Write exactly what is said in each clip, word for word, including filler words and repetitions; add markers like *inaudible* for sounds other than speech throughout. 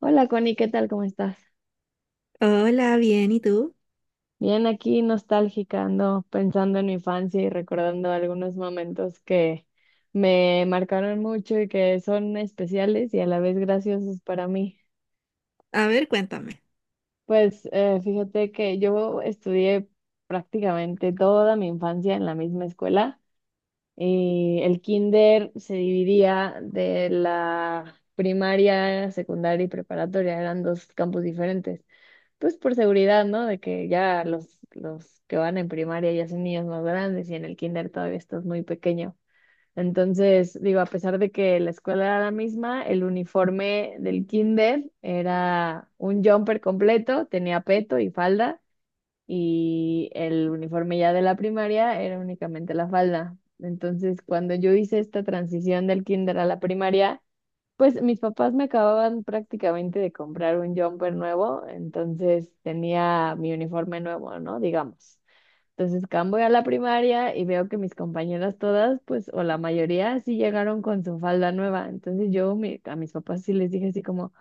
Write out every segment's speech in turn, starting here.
Hola Connie, ¿qué tal? ¿Cómo estás? Hola, bien, ¿y tú? Bien, aquí nostálgica, ando pensando en mi infancia y recordando algunos momentos que me marcaron mucho y que son especiales y a la vez graciosos para mí. A ver, cuéntame. Pues eh, fíjate que yo estudié prácticamente toda mi infancia en la misma escuela y el kinder se dividía de la primaria, secundaria y preparatoria, eran dos campus diferentes. Pues por seguridad, ¿no? De que ya los, los que van en primaria ya son niños más grandes y en el kinder todavía estás muy pequeño. Entonces, digo, a pesar de que la escuela era la misma, el uniforme del kinder era un jumper completo, tenía peto y falda, y el uniforme ya de la primaria era únicamente la falda. Entonces, cuando yo hice esta transición del kinder a la primaria, pues mis papás me acababan prácticamente de comprar un jumper nuevo, entonces tenía mi uniforme nuevo, ¿no? Digamos. Entonces, cam, voy a la primaria y veo que mis compañeras todas, pues, o la mayoría, sí llegaron con su falda nueva. Entonces yo mi- a mis papás sí les dije así como,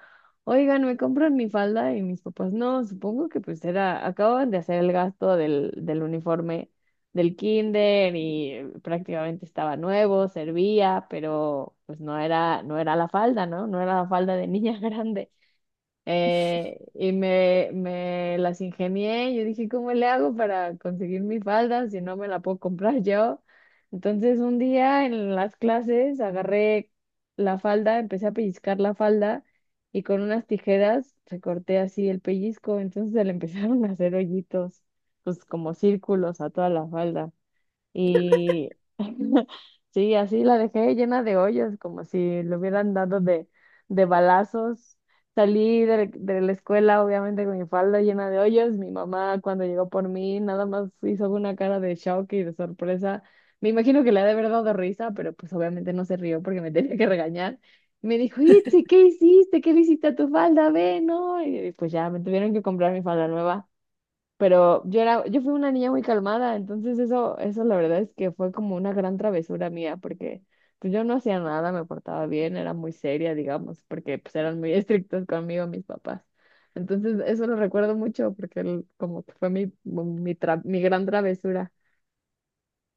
oigan, ¿me compran mi falda? Y mis papás, no, supongo que pues era, acaban de hacer el gasto del, del uniforme del kinder y eh, prácticamente estaba nuevo, servía, pero pues no era, no era la falda, ¿no? No era la falda de niña *laughs* grande. Eh, y me, me las ingenié. Yo dije, ¿cómo le hago para conseguir mi falda si no me la puedo comprar yo? Entonces un día en las clases agarré la falda, empecé a pellizcar la falda y con unas tijeras recorté así el pellizco. Entonces se le *laughs* empezaron a hacer hoyitos, pues como círculos a toda la falda. Y *laughs* sí, así la dejé llena de hoyos, como si le hubieran dado de, de balazos. Salí de, de la escuela, obviamente, con mi falda llena de hoyos. Mi mamá, cuando llegó por mí, nada más hizo una cara de shock y de sorpresa. Me imagino que le ha de haber dado risa, pero pues obviamente no se rió porque me *laughs* tenía que regañar. Y me dijo, Itzi, ¿qué hiciste? ¿Qué le hiciste a tu falda? Ve, no. Y pues ya, me tuvieron que comprar mi falda nueva. Pero yo era, yo fui una niña muy calmada, entonces eso, eso la verdad es que fue como una gran travesura mía, porque pues yo no hacía nada, me portaba bien, era muy seria, digamos, porque pues eran muy *laughs* estrictos conmigo mis papás. Entonces eso lo recuerdo mucho, porque el- como que fue mi, mi, tra- mi gran travesura.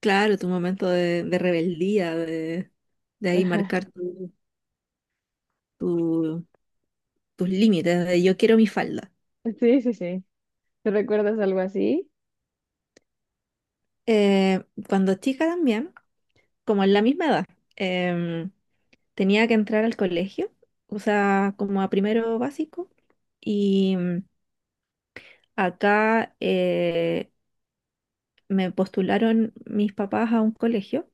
Claro, tu momento de, de rebeldía, de, de *laughs* ahí Ajá. marcar tu- tu- tus límites, de yo quiero mi falda. Sí, sí, sí. ¿Tú recuerdas algo así? Eh, cuando chica también, como en la misma edad, em, tenía que entrar al colegio, o sea, como a primero básico, y mm, acá eh, me postularon mis papás a un colegio,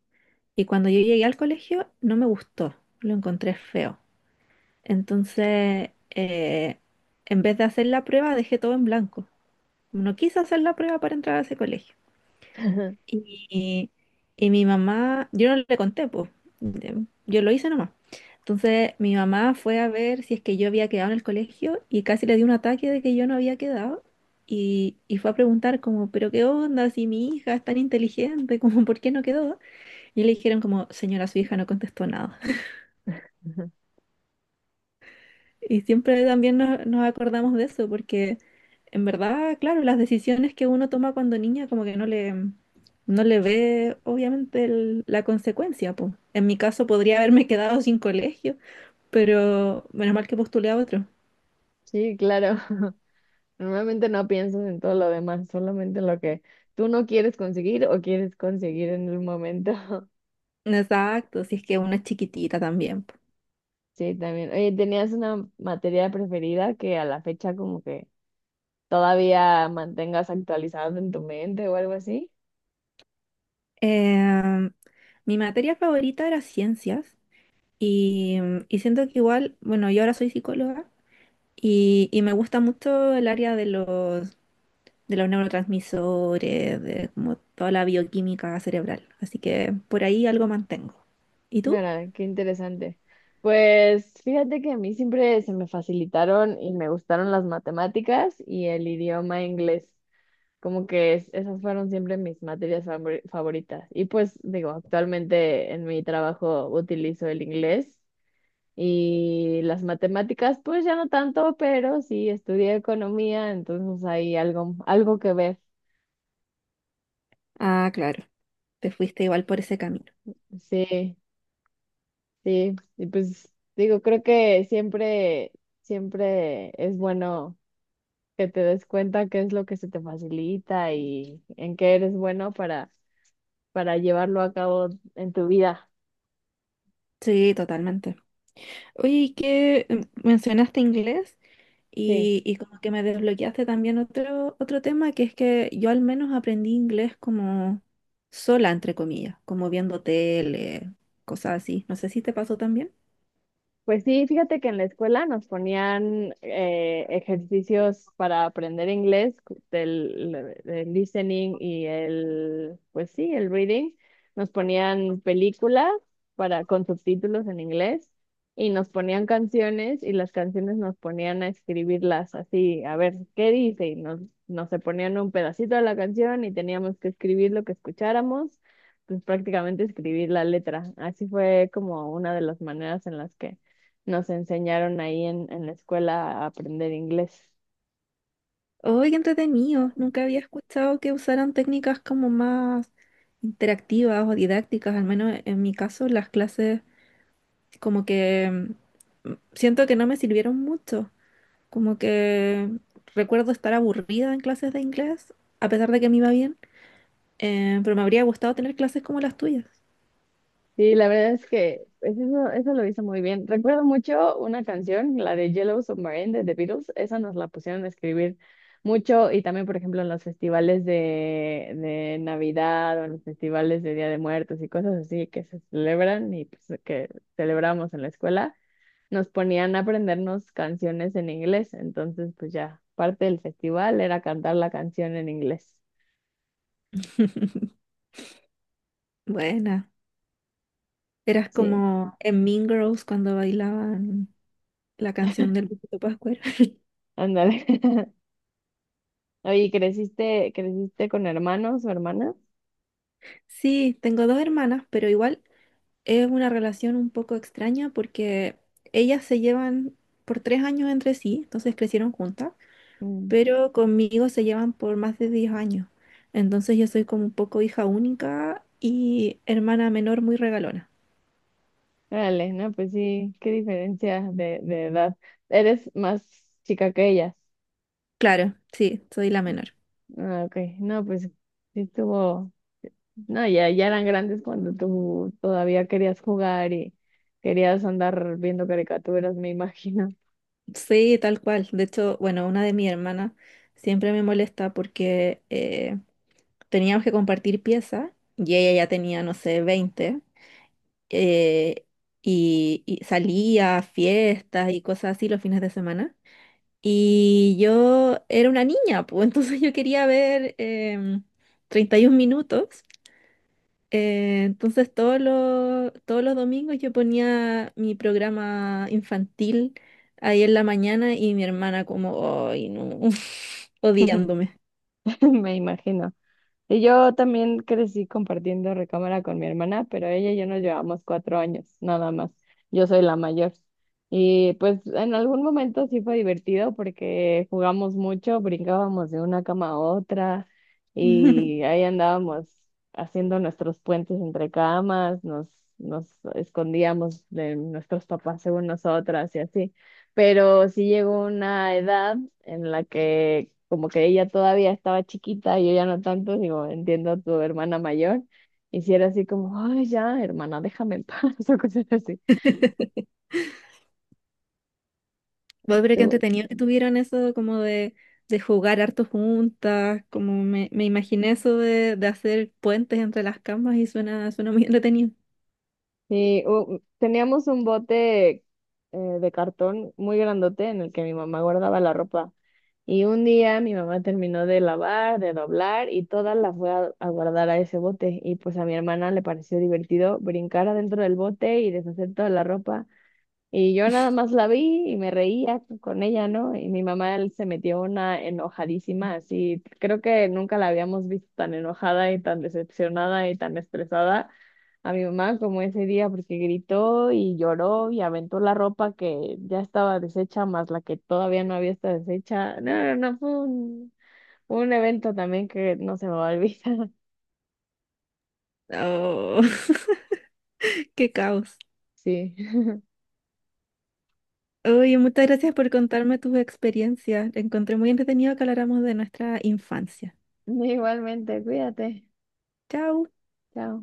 y cuando yo llegué al colegio no me gustó, lo encontré feo. Entonces, eh, en vez de hacer la prueba, dejé todo en blanco. No quise hacer la prueba para entrar a ese colegio. *laughs* Y, y mi mamá, yo no le conté, pues, de- yo lo hice nomás. Entonces mi mamá fue a ver si es que yo había quedado en el colegio y casi le dio un ataque de que yo no había quedado. Y, y fue a preguntar como, pero qué onda, si mi hija es tan inteligente, *laughs* como, ¿por qué no quedó? Y le dijeron como, señora, su hija no contestó nada. Y siempre también nos, nos acordamos de eso, porque en verdad, claro, las decisiones que uno toma cuando niña como que no le, no le ve obviamente el- la consecuencia, po. En mi caso podría haberme quedado sin colegio, pero menos mal que postulé a otro. Sí, claro. *laughs* Normalmente no piensas en todo lo demás, solamente en lo que tú no quieres conseguir o quieres conseguir en el momento. Exacto, si es que una es chiquitita también. Po. Sí, también. Oye, ¿tenías una materia preferida que a la fecha como que todavía mantengas actualizada en tu mente o algo así? Eh, mi materia favorita era ciencias y, y siento que igual, bueno, yo ahora soy psicóloga y, y me gusta mucho el área de los de los neurotransmisores, de como toda la bioquímica cerebral. Así que por ahí algo mantengo. ¿Y tú? Mira, qué interesante. Pues fíjate que a mí siempre se me facilitaron y me gustaron las matemáticas y el idioma inglés. Como que es- esas fueron siempre mis materias favor favoritas. Y pues digo, actualmente en mi trabajo utilizo el inglés. Y las matemáticas, pues ya no tanto, pero sí estudié economía, entonces hay algo, algo que ver. Ah, claro, te fuiste igual por ese camino. Sí, sí. Y pues digo, creo que siempre, siempre es bueno que te des cuenta qué es lo que se te facilita y en qué eres bueno para, para llevarlo a cabo en tu vida. Sí, totalmente. Oye, ¿y qué em, mencionaste inglés? Sí. Y, y como que me desbloqueaste también otro, otro tema, que es que yo al menos aprendí inglés como sola, entre comillas, como viendo tele, cosas así. No sé si te pasó también. Pues sí, fíjate que en la escuela nos ponían eh, ejercicios para aprender inglés, del, del listening y el, pues sí, el reading. Nos ponían películas para, con subtítulos en inglés y nos ponían canciones y las canciones nos ponían a escribirlas así, a ver qué dice. Y nos, nos se ponían un pedacito de la canción y teníamos que escribir lo que escucháramos, pues prácticamente escribir la letra. Así fue como una de las maneras en las que nos enseñaron ahí en, en la escuela a aprender inglés. Oh, qué entretenido. Nunca había escuchado que usaran técnicas como más interactivas o didácticas. Al menos en mi caso, las clases como que mm, siento que no me sirvieron mucho. Como que recuerdo estar aburrida en clases de inglés, a pesar de que me iba bien, eh, pero me habría gustado tener clases como las tuyas. Sí, la verdad es que pues, eso, eso lo hizo muy bien. Recuerdo mucho una canción, la de Yellow Submarine de The Beatles, esa nos la pusieron a escribir mucho y también, por ejemplo, en los festivales de, de Navidad o en los festivales de Día de Muertos y cosas así que se celebran y pues, que celebramos en la escuela, nos ponían a aprendernos canciones en inglés. Entonces, pues ya, parte del festival era cantar la canción en inglés. *laughs* Buena. Eras Sí. como en Mean Girls cuando bailaban la canción del Luisito Pascuero. *laughs* Ándale. *laughs* Oye, ¿creciste, creciste con hermanos o hermanas? Sí, tengo dos hermanas, pero igual. Es una relación un poco extraña porque ellas se llevan por tres años entre sí, entonces crecieron juntas, Mm. pero conmigo se llevan por más de diez años. Entonces yo soy como un poco hija única y hermana menor muy regalona. Órale, no, pues sí, qué diferencia de, de edad. Eres más chica que ellas. Claro, sí, soy la menor. Ah, ok. No, pues sí estuvo. No, ya, ya eran grandes cuando tú todavía querías jugar y querías andar viendo caricaturas, me imagino. Sí, tal cual. De hecho, bueno, una de mis hermanas siempre me molesta porque eh, teníamos que compartir piezas y ella ya tenía, no sé, veinte eh, y, y salía a fiestas y cosas así los fines de semana. Y yo era una niña, pues *laughs* entonces yo quería ver em, treinta y un minutos. Eh, entonces todos los, todos los domingos yo ponía mi programa infantil ahí en la mañana y mi hermana como, ay, no, *laughs* *laughs* odiándome. Me imagino. Y yo también crecí compartiendo recámara con mi hermana, pero ella y yo nos llevamos cuatro años, nada más. Yo soy la mayor. Y pues en algún momento sí fue divertido porque jugamos mucho, brincábamos de una cama a otra y *laughs* ahí andábamos haciendo nuestros puentes entre camas, nos, nos escondíamos de nuestros papás según nosotras y así. Pero sí llegó una edad en la que como que ella todavía estaba chiquita y yo ya no tanto, digo, entiendo a tu hermana mayor, y si era así como, ay, ya, hermana, déjame en paz, *laughs* o cosas así. Bueno, pero qué Tú- entretenido que tuvieran eso como de, de jugar harto juntas, como me, me imaginé eso de, de hacer puentes entre las camas y suena, suena muy entretenido. Sí, u- teníamos un bote eh, de cartón muy grandote en el que mi mamá guardaba la ropa. Y un día mi mamá terminó de lavar, de doblar y toda la fue a, a guardar a ese bote. Y pues a mi hermana le pareció divertido brincar adentro del bote y deshacer toda la ropa. Y yo nada más la vi y me reía con ella, ¿no? Y mi mamá él se metió una enojadísima, así, creo que nunca la habíamos visto tan enojada y tan decepcionada y tan estresada a mi mamá como ese día, porque gritó y lloró y aventó la ropa que ya estaba deshecha, más la que todavía no había estado deshecha. No, no, no, fue un, un evento también que no se me va a olvidar. *laughs* Oh, *laughs* qué caos. Sí. *laughs* Oye, muchas gracias por contarme tus experiencias. Encontré muy entretenido que habláramos de nuestra infancia. Igualmente, cuídate. Chao. Chao.